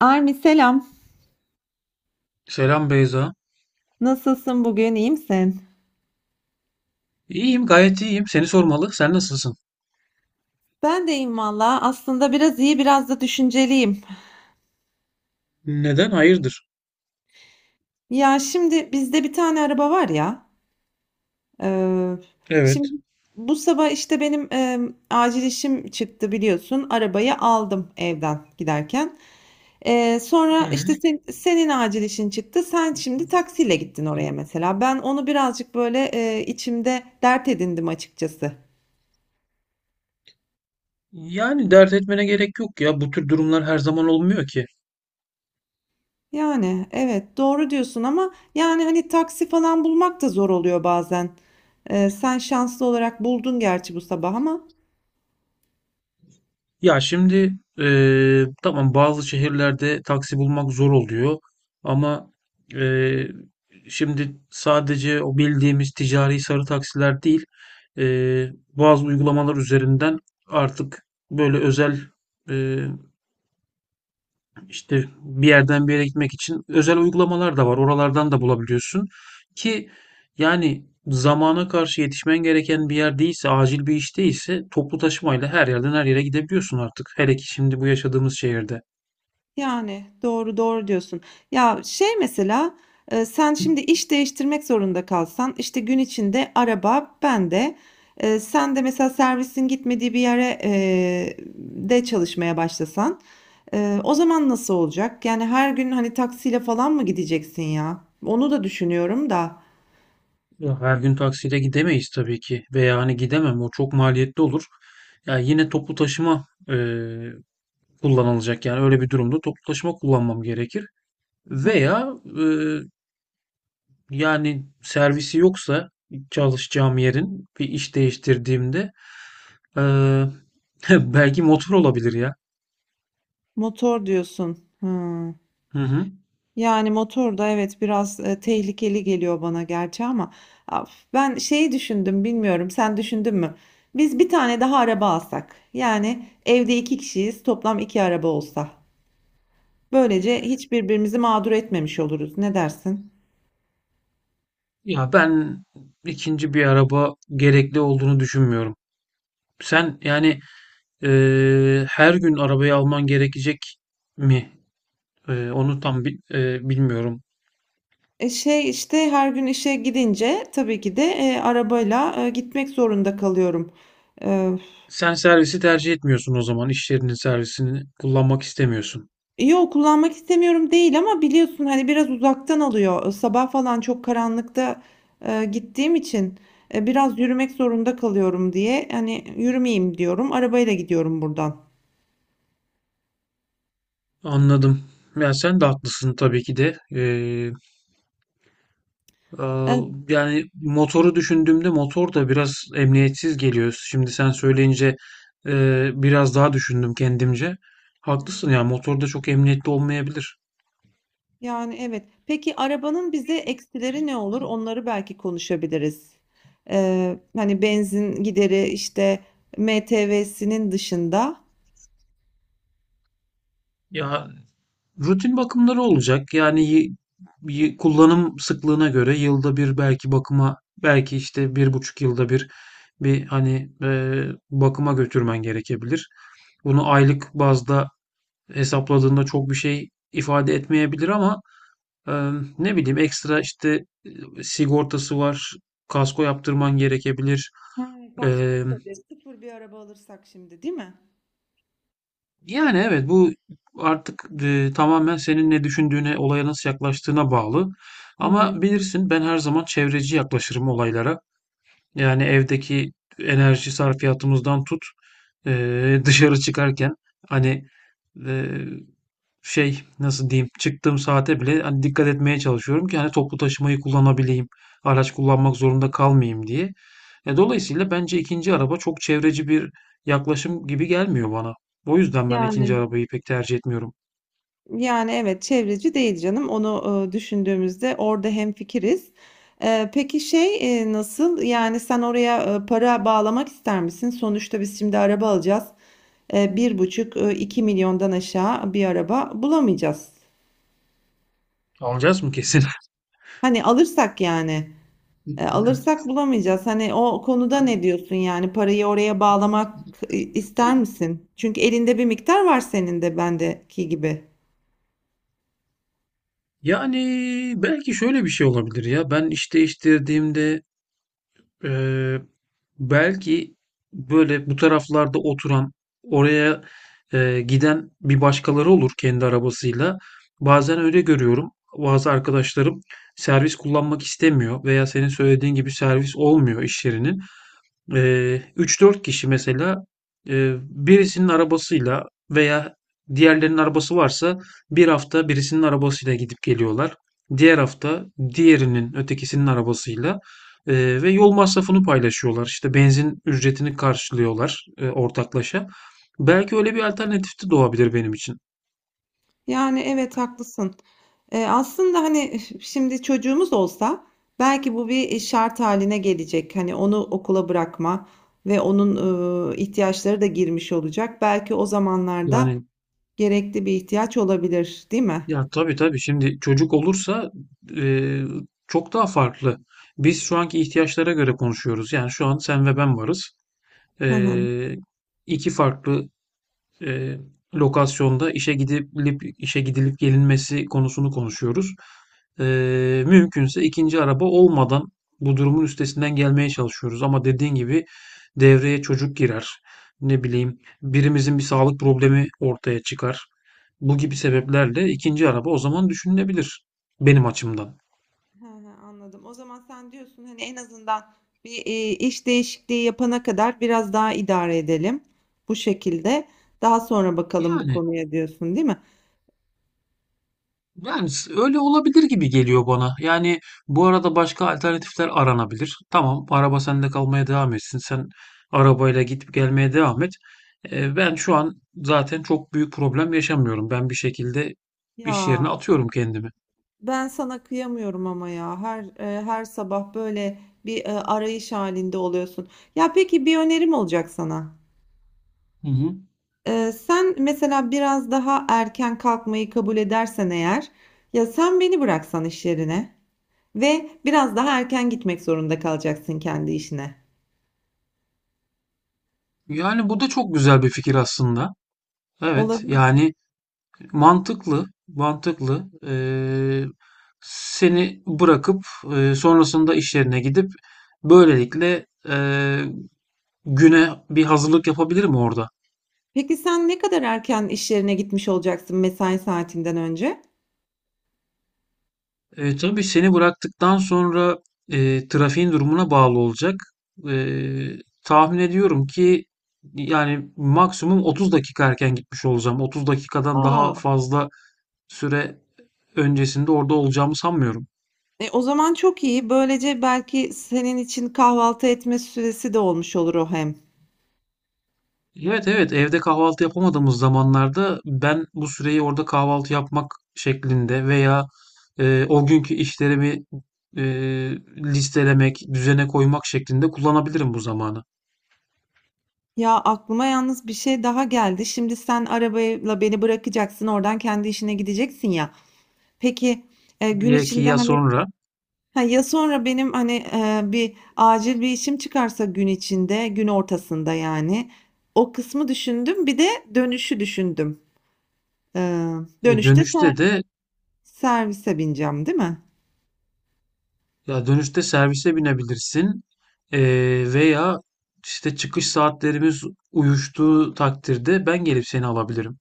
Armi selam. Selam Beyza. Nasılsın bugün? İyi misin? İyiyim, gayet iyiyim. Seni sormalı. Sen nasılsın? Ben de iyiyim valla. Aslında biraz iyi, biraz da düşünceliyim. Neden? Hayırdır? Ya şimdi bizde bir tane araba var ya. Ee, şimdi Evet. bu sabah işte benim acil işim çıktı biliyorsun. Arabayı aldım evden giderken. Ee, Hı sonra hı. işte senin acil işin çıktı. Sen şimdi taksiyle gittin oraya mesela. Ben onu birazcık böyle içimde dert edindim açıkçası. Yani dert etmene gerek yok ya. Bu tür durumlar her zaman olmuyor ki. Yani evet doğru diyorsun ama yani hani taksi falan bulmak da zor oluyor bazen. Sen şanslı olarak buldun gerçi bu sabah ama Ya şimdi tamam, bazı şehirlerde taksi bulmak zor oluyor. Ama eee, şimdi sadece o bildiğimiz ticari sarı taksiler değil, bazı uygulamalar üzerinden artık böyle özel, e, İşte bir yerden bir yere gitmek için özel uygulamalar da var. Oralardan da bulabiliyorsun ki yani zamana karşı yetişmen gereken bir yer değilse, acil bir iş değilse toplu taşımayla her yerden her yere gidebiliyorsun artık. Hele ki şimdi bu yaşadığımız şehirde. yani doğru doğru diyorsun. Ya şey mesela sen şimdi iş değiştirmek zorunda kalsan işte gün içinde araba bende. Sen de mesela servisin gitmediği bir yere de çalışmaya başlasan o zaman nasıl olacak? Yani her gün hani taksiyle falan mı gideceksin ya? Onu da düşünüyorum da. Ya her gün taksiyle gidemeyiz tabii ki, veya hani gidemem, o çok maliyetli olur. Ya yine toplu taşıma kullanılacak, yani öyle bir durumda toplu taşıma kullanmam gerekir. Veya e, yani servisi yoksa, çalışacağım yerin bir iş değiştirdiğimde, eee, belki motor olabilir ya. Motor diyorsun. Hıı. Hı hı. Yani motor da evet biraz, tehlikeli geliyor bana gerçi ama af ben şeyi düşündüm, bilmiyorum sen düşündün mü? Biz bir tane daha araba alsak, yani evde 2 kişiyiz, toplam 2 araba olsa. Böylece hiç birbirimizi mağdur etmemiş oluruz. Ne dersin? Ya ben ikinci bir araba gerekli olduğunu düşünmüyorum. Sen yani her gün arabayı alman gerekecek mi? Onu tam bilmiyorum. Şey, işte, her gün işe gidince tabii ki de, arabayla, gitmek zorunda kalıyorum. Eee Sen servisi tercih etmiyorsun o zaman. İş yerinin servisini kullanmak istemiyorsun. Yo, kullanmak istemiyorum değil ama biliyorsun hani biraz uzaktan alıyor. Sabah falan çok karanlıkta gittiğim için biraz yürümek zorunda kalıyorum diye. Hani yürümeyeyim diyorum. Arabayla gidiyorum buradan. Anladım. Ya sen de haklısın tabii ki de. Ee, Hı Yani motoru düşündüğümde motor da biraz emniyetsiz geliyor. Şimdi sen söyleyince biraz daha düşündüm kendimce. hı. Haklısın ya, motor da çok emniyetli olmayabilir. Yani, evet. Peki, arabanın bize eksileri ne olur? Onları belki konuşabiliriz. Hani, benzin gideri, işte, MTV'sinin dışında. Ya rutin bakımları olacak. Yani kullanım sıklığına göre yılda bir belki bakıma, belki işte 1,5 yılda bir hani bakıma götürmen gerekebilir. Bunu aylık bazda hesapladığında çok bir şey ifade etmeyebilir, ama Eee, ne bileyim, ekstra işte sigortası var. Kasko yaptırman gerekebilir. Ha, kasko Eee, tabii. Sıfır bir araba alırsak şimdi, değil mi? Yani evet, bu artık tamamen senin ne düşündüğüne, olaya nasıl yaklaştığına bağlı. Hı hı. Ama bilirsin, ben her zaman çevreci yaklaşırım olaylara. Yani evdeki enerji sarfiyatımızdan tut, dışarı çıkarken hani e, şey, nasıl diyeyim, çıktığım saate bile hani dikkat etmeye çalışıyorum ki hani toplu taşımayı kullanabileyim, araç kullanmak zorunda kalmayayım diye. Dolayısıyla bence ikinci araba çok çevreci bir yaklaşım gibi gelmiyor bana. O yüzden ben ikinci Yani. arabayı pek tercih etmiyorum. Yani, evet, çevreci değil canım. Onu, düşündüğümüzde orada hemfikiriz. Peki şey, nasıl? Yani, sen oraya, para bağlamak ister misin? Sonuçta biz şimdi araba alacağız. 1,5, 2 milyondan aşağı bir araba bulamayacağız. Alacağız mı kesin? Hani, alırsak yani, alırsak bulamayacağız. Hani, o konuda ne diyorsun? Yani, parayı oraya bağlamak, ister misin? Çünkü elinde bir miktar var senin de bendeki gibi. Yani belki şöyle bir şey olabilir ya. Ben iş değiştirdiğimde eee, belki böyle bu taraflarda oturan, oraya giden bir başkaları olur kendi arabasıyla. Bazen öyle görüyorum. Bazı arkadaşlarım servis kullanmak istemiyor, veya senin söylediğin gibi servis olmuyor iş yerinin. 3-4 kişi mesela birisinin arabasıyla, veya diğerlerinin arabası varsa bir hafta birisinin arabasıyla gidip geliyorlar. Diğer hafta diğerinin, ötekisinin arabasıyla ve yol masrafını paylaşıyorlar. İşte benzin ücretini karşılıyorlar ortaklaşa. Belki öyle bir alternatif de doğabilir benim için. Yani evet haklısın. Aslında hani şimdi çocuğumuz olsa belki bu bir şart haline gelecek. Hani onu okula bırakma ve onun ihtiyaçları da girmiş olacak. Belki o zamanlarda Yani gerekli bir ihtiyaç olabilir, değil mi? ya tabii tabii, şimdi çocuk olursa eee, çok daha farklı. Biz şu anki ihtiyaçlara göre konuşuyoruz. Yani şu an sen ve ben varız. Hı hı. Ee, iki farklı e, lokasyonda işe gidilip gelinmesi konusunu konuşuyoruz. Mümkünse ikinci araba olmadan bu durumun üstesinden gelmeye çalışıyoruz. Ama dediğin gibi devreye çocuk girer. Ne bileyim, birimizin bir sağlık problemi ortaya çıkar. Bu gibi sebeplerle ikinci araba o zaman düşünülebilir benim açımdan. Hı hı, anladım. O zaman sen diyorsun hani en azından bir iş değişikliği yapana kadar biraz daha idare edelim bu şekilde. Daha sonra bakalım bu Yani. konuya diyorsun, değil mi? Yani, öyle olabilir gibi geliyor bana. Yani bu arada başka alternatifler aranabilir. Tamam, araba sende kalmaya devam etsin. Sen arabayla gidip gelmeye devam et. Ben şu an zaten çok büyük problem yaşamıyorum. Ben bir şekilde iş yerine Ya. atıyorum kendimi. Ben sana kıyamıyorum ama ya her sabah böyle bir arayış halinde oluyorsun. Ya peki bir önerim olacak sana. Hı hı. Sen mesela biraz daha erken kalkmayı kabul edersen eğer, ya sen beni bıraksan iş yerine ve biraz daha erken gitmek zorunda kalacaksın kendi işine. Yani bu da çok güzel bir fikir aslında. Evet, Olabilir. yani mantıklı, mantıklı. Seni bırakıp sonrasında iş yerine gidip böylelikle güne bir hazırlık yapabilirim orada. Peki sen ne kadar erken iş yerine gitmiş olacaksın mesai saatinden önce? Tabii seni bıraktıktan sonra trafiğin durumuna bağlı olacak. E, tahmin ediyorum ki yani maksimum 30 dakika erken gitmiş olacağım. 30 dakikadan daha Aa, fazla süre öncesinde orada olacağımı sanmıyorum. o zaman çok iyi. Böylece belki senin için kahvaltı etme süresi de olmuş olur o hem. Evet, evet, evde kahvaltı yapamadığımız zamanlarda ben bu süreyi orada kahvaltı yapmak şeklinde veya o günkü işlerimi e, listelemek, düzene koymak şeklinde kullanabilirim bu zamanı. Ya aklıma yalnız bir şey daha geldi. Şimdi sen arabayla beni bırakacaksın, oradan kendi işine gideceksin ya. Peki gün Ya ki içinde ya hani sonra ha, ya sonra benim hani bir acil bir işim çıkarsa gün içinde, gün ortasında yani. O kısmı düşündüm. Bir de dönüşü düşündüm. E, dönüşte dönüşte de, servise bineceğim, değil mi? ya dönüşte servise binebilirsin. E, veya işte çıkış saatlerimiz uyuştuğu takdirde ben gelip seni alabilirim.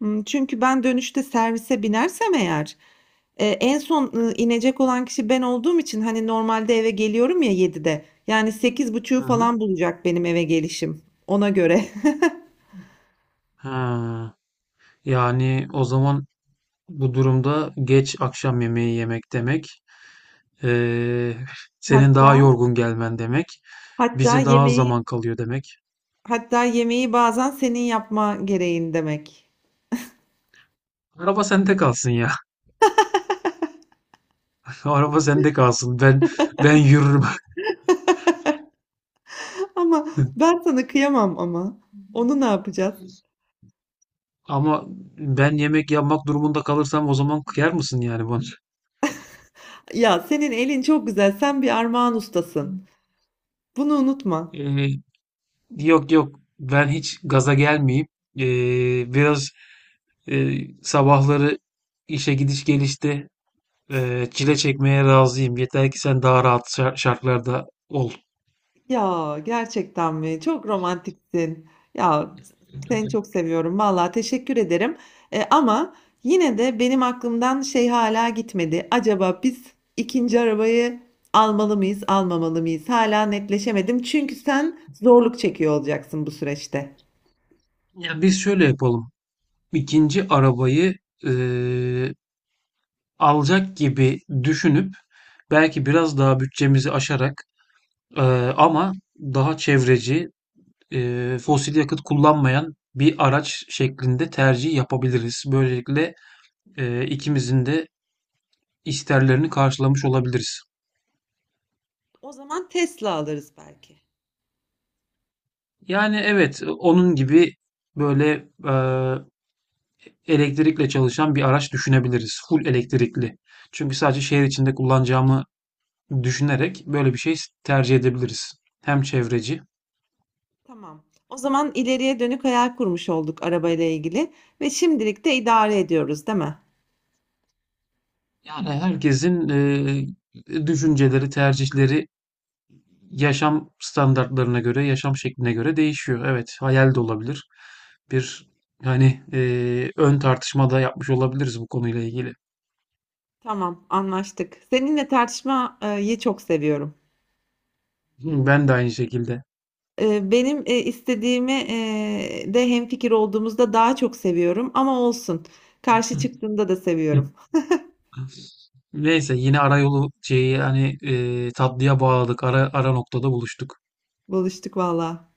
Çünkü ben dönüşte servise binersem eğer. En son inecek olan kişi ben olduğum için hani normalde eve geliyorum ya 7'de. Yani 8.30'u Hı hı. falan bulacak benim eve gelişim. Ona göre. Ha, yani o zaman, bu durumda geç akşam yemeği yemek demek, eee, senin daha Hatta yorgun gelmen demek, hatta bize daha az yemeği zaman kalıyor demek. hatta yemeği bazen senin yapma gereğin demek. Araba sende kalsın ya. Araba sende kalsın. Ben yürürüm. Ama ben sana kıyamam ama. Onu ne yapacağız? Ama ben yemek yapmak durumunda kalırsam, o zaman kıyar mısın yani bana? Ya senin elin çok güzel. Sen bir armağan ustasın. Bunu unutma. Eee, yok yok. Ben hiç gaza gelmeyeyim. Biraz sabahları işe gidiş gelişte çile çekmeye razıyım. Yeter ki sen daha rahat şartlarda ol. Ya, gerçekten mi? Çok romantiksin. Ya, seni çok seviyorum. Vallahi teşekkür ederim. Ama yine de benim aklımdan şey hala gitmedi. Acaba biz ikinci arabayı almalı mıyız, almamalı mıyız? Hâlâ netleşemedim. Çünkü sen zorluk çekiyor olacaksın bu süreçte. Ya biz şöyle yapalım. İkinci arabayı eee, alacak gibi düşünüp belki biraz daha bütçemizi aşarak, eee, ama daha çevreci, fosil yakıt kullanmayan bir araç şeklinde tercih yapabiliriz. Böylelikle ikimizin de isterlerini karşılamış olabiliriz. O zaman Tesla alırız belki. Yani evet, onun gibi böyle elektrikle çalışan bir araç düşünebiliriz. Full elektrikli. Çünkü sadece şehir içinde kullanacağımı düşünerek böyle bir şey tercih edebiliriz. Hem çevreci, Tamam. O zaman ileriye dönük hayal kurmuş olduk arabayla ilgili ve şimdilik de idare ediyoruz, değil mi? yani herkesin düşünceleri, tercihleri yaşam standartlarına göre, yaşam şekline göre değişiyor. Evet, hayal de olabilir. Bir hani ön tartışma da yapmış olabiliriz bu konuyla ilgili. Tamam, anlaştık. Seninle tartışmayı çok seviyorum. Ben de aynı şekilde. Benim istediğimi de hemfikir olduğumuzda daha çok seviyorum ama olsun. Karşı çıktığında da seviyorum. Neyse yine arayolu şeyi, hani, tatlıya bağladık. Ara ara noktada buluştuk. Buluştuk valla.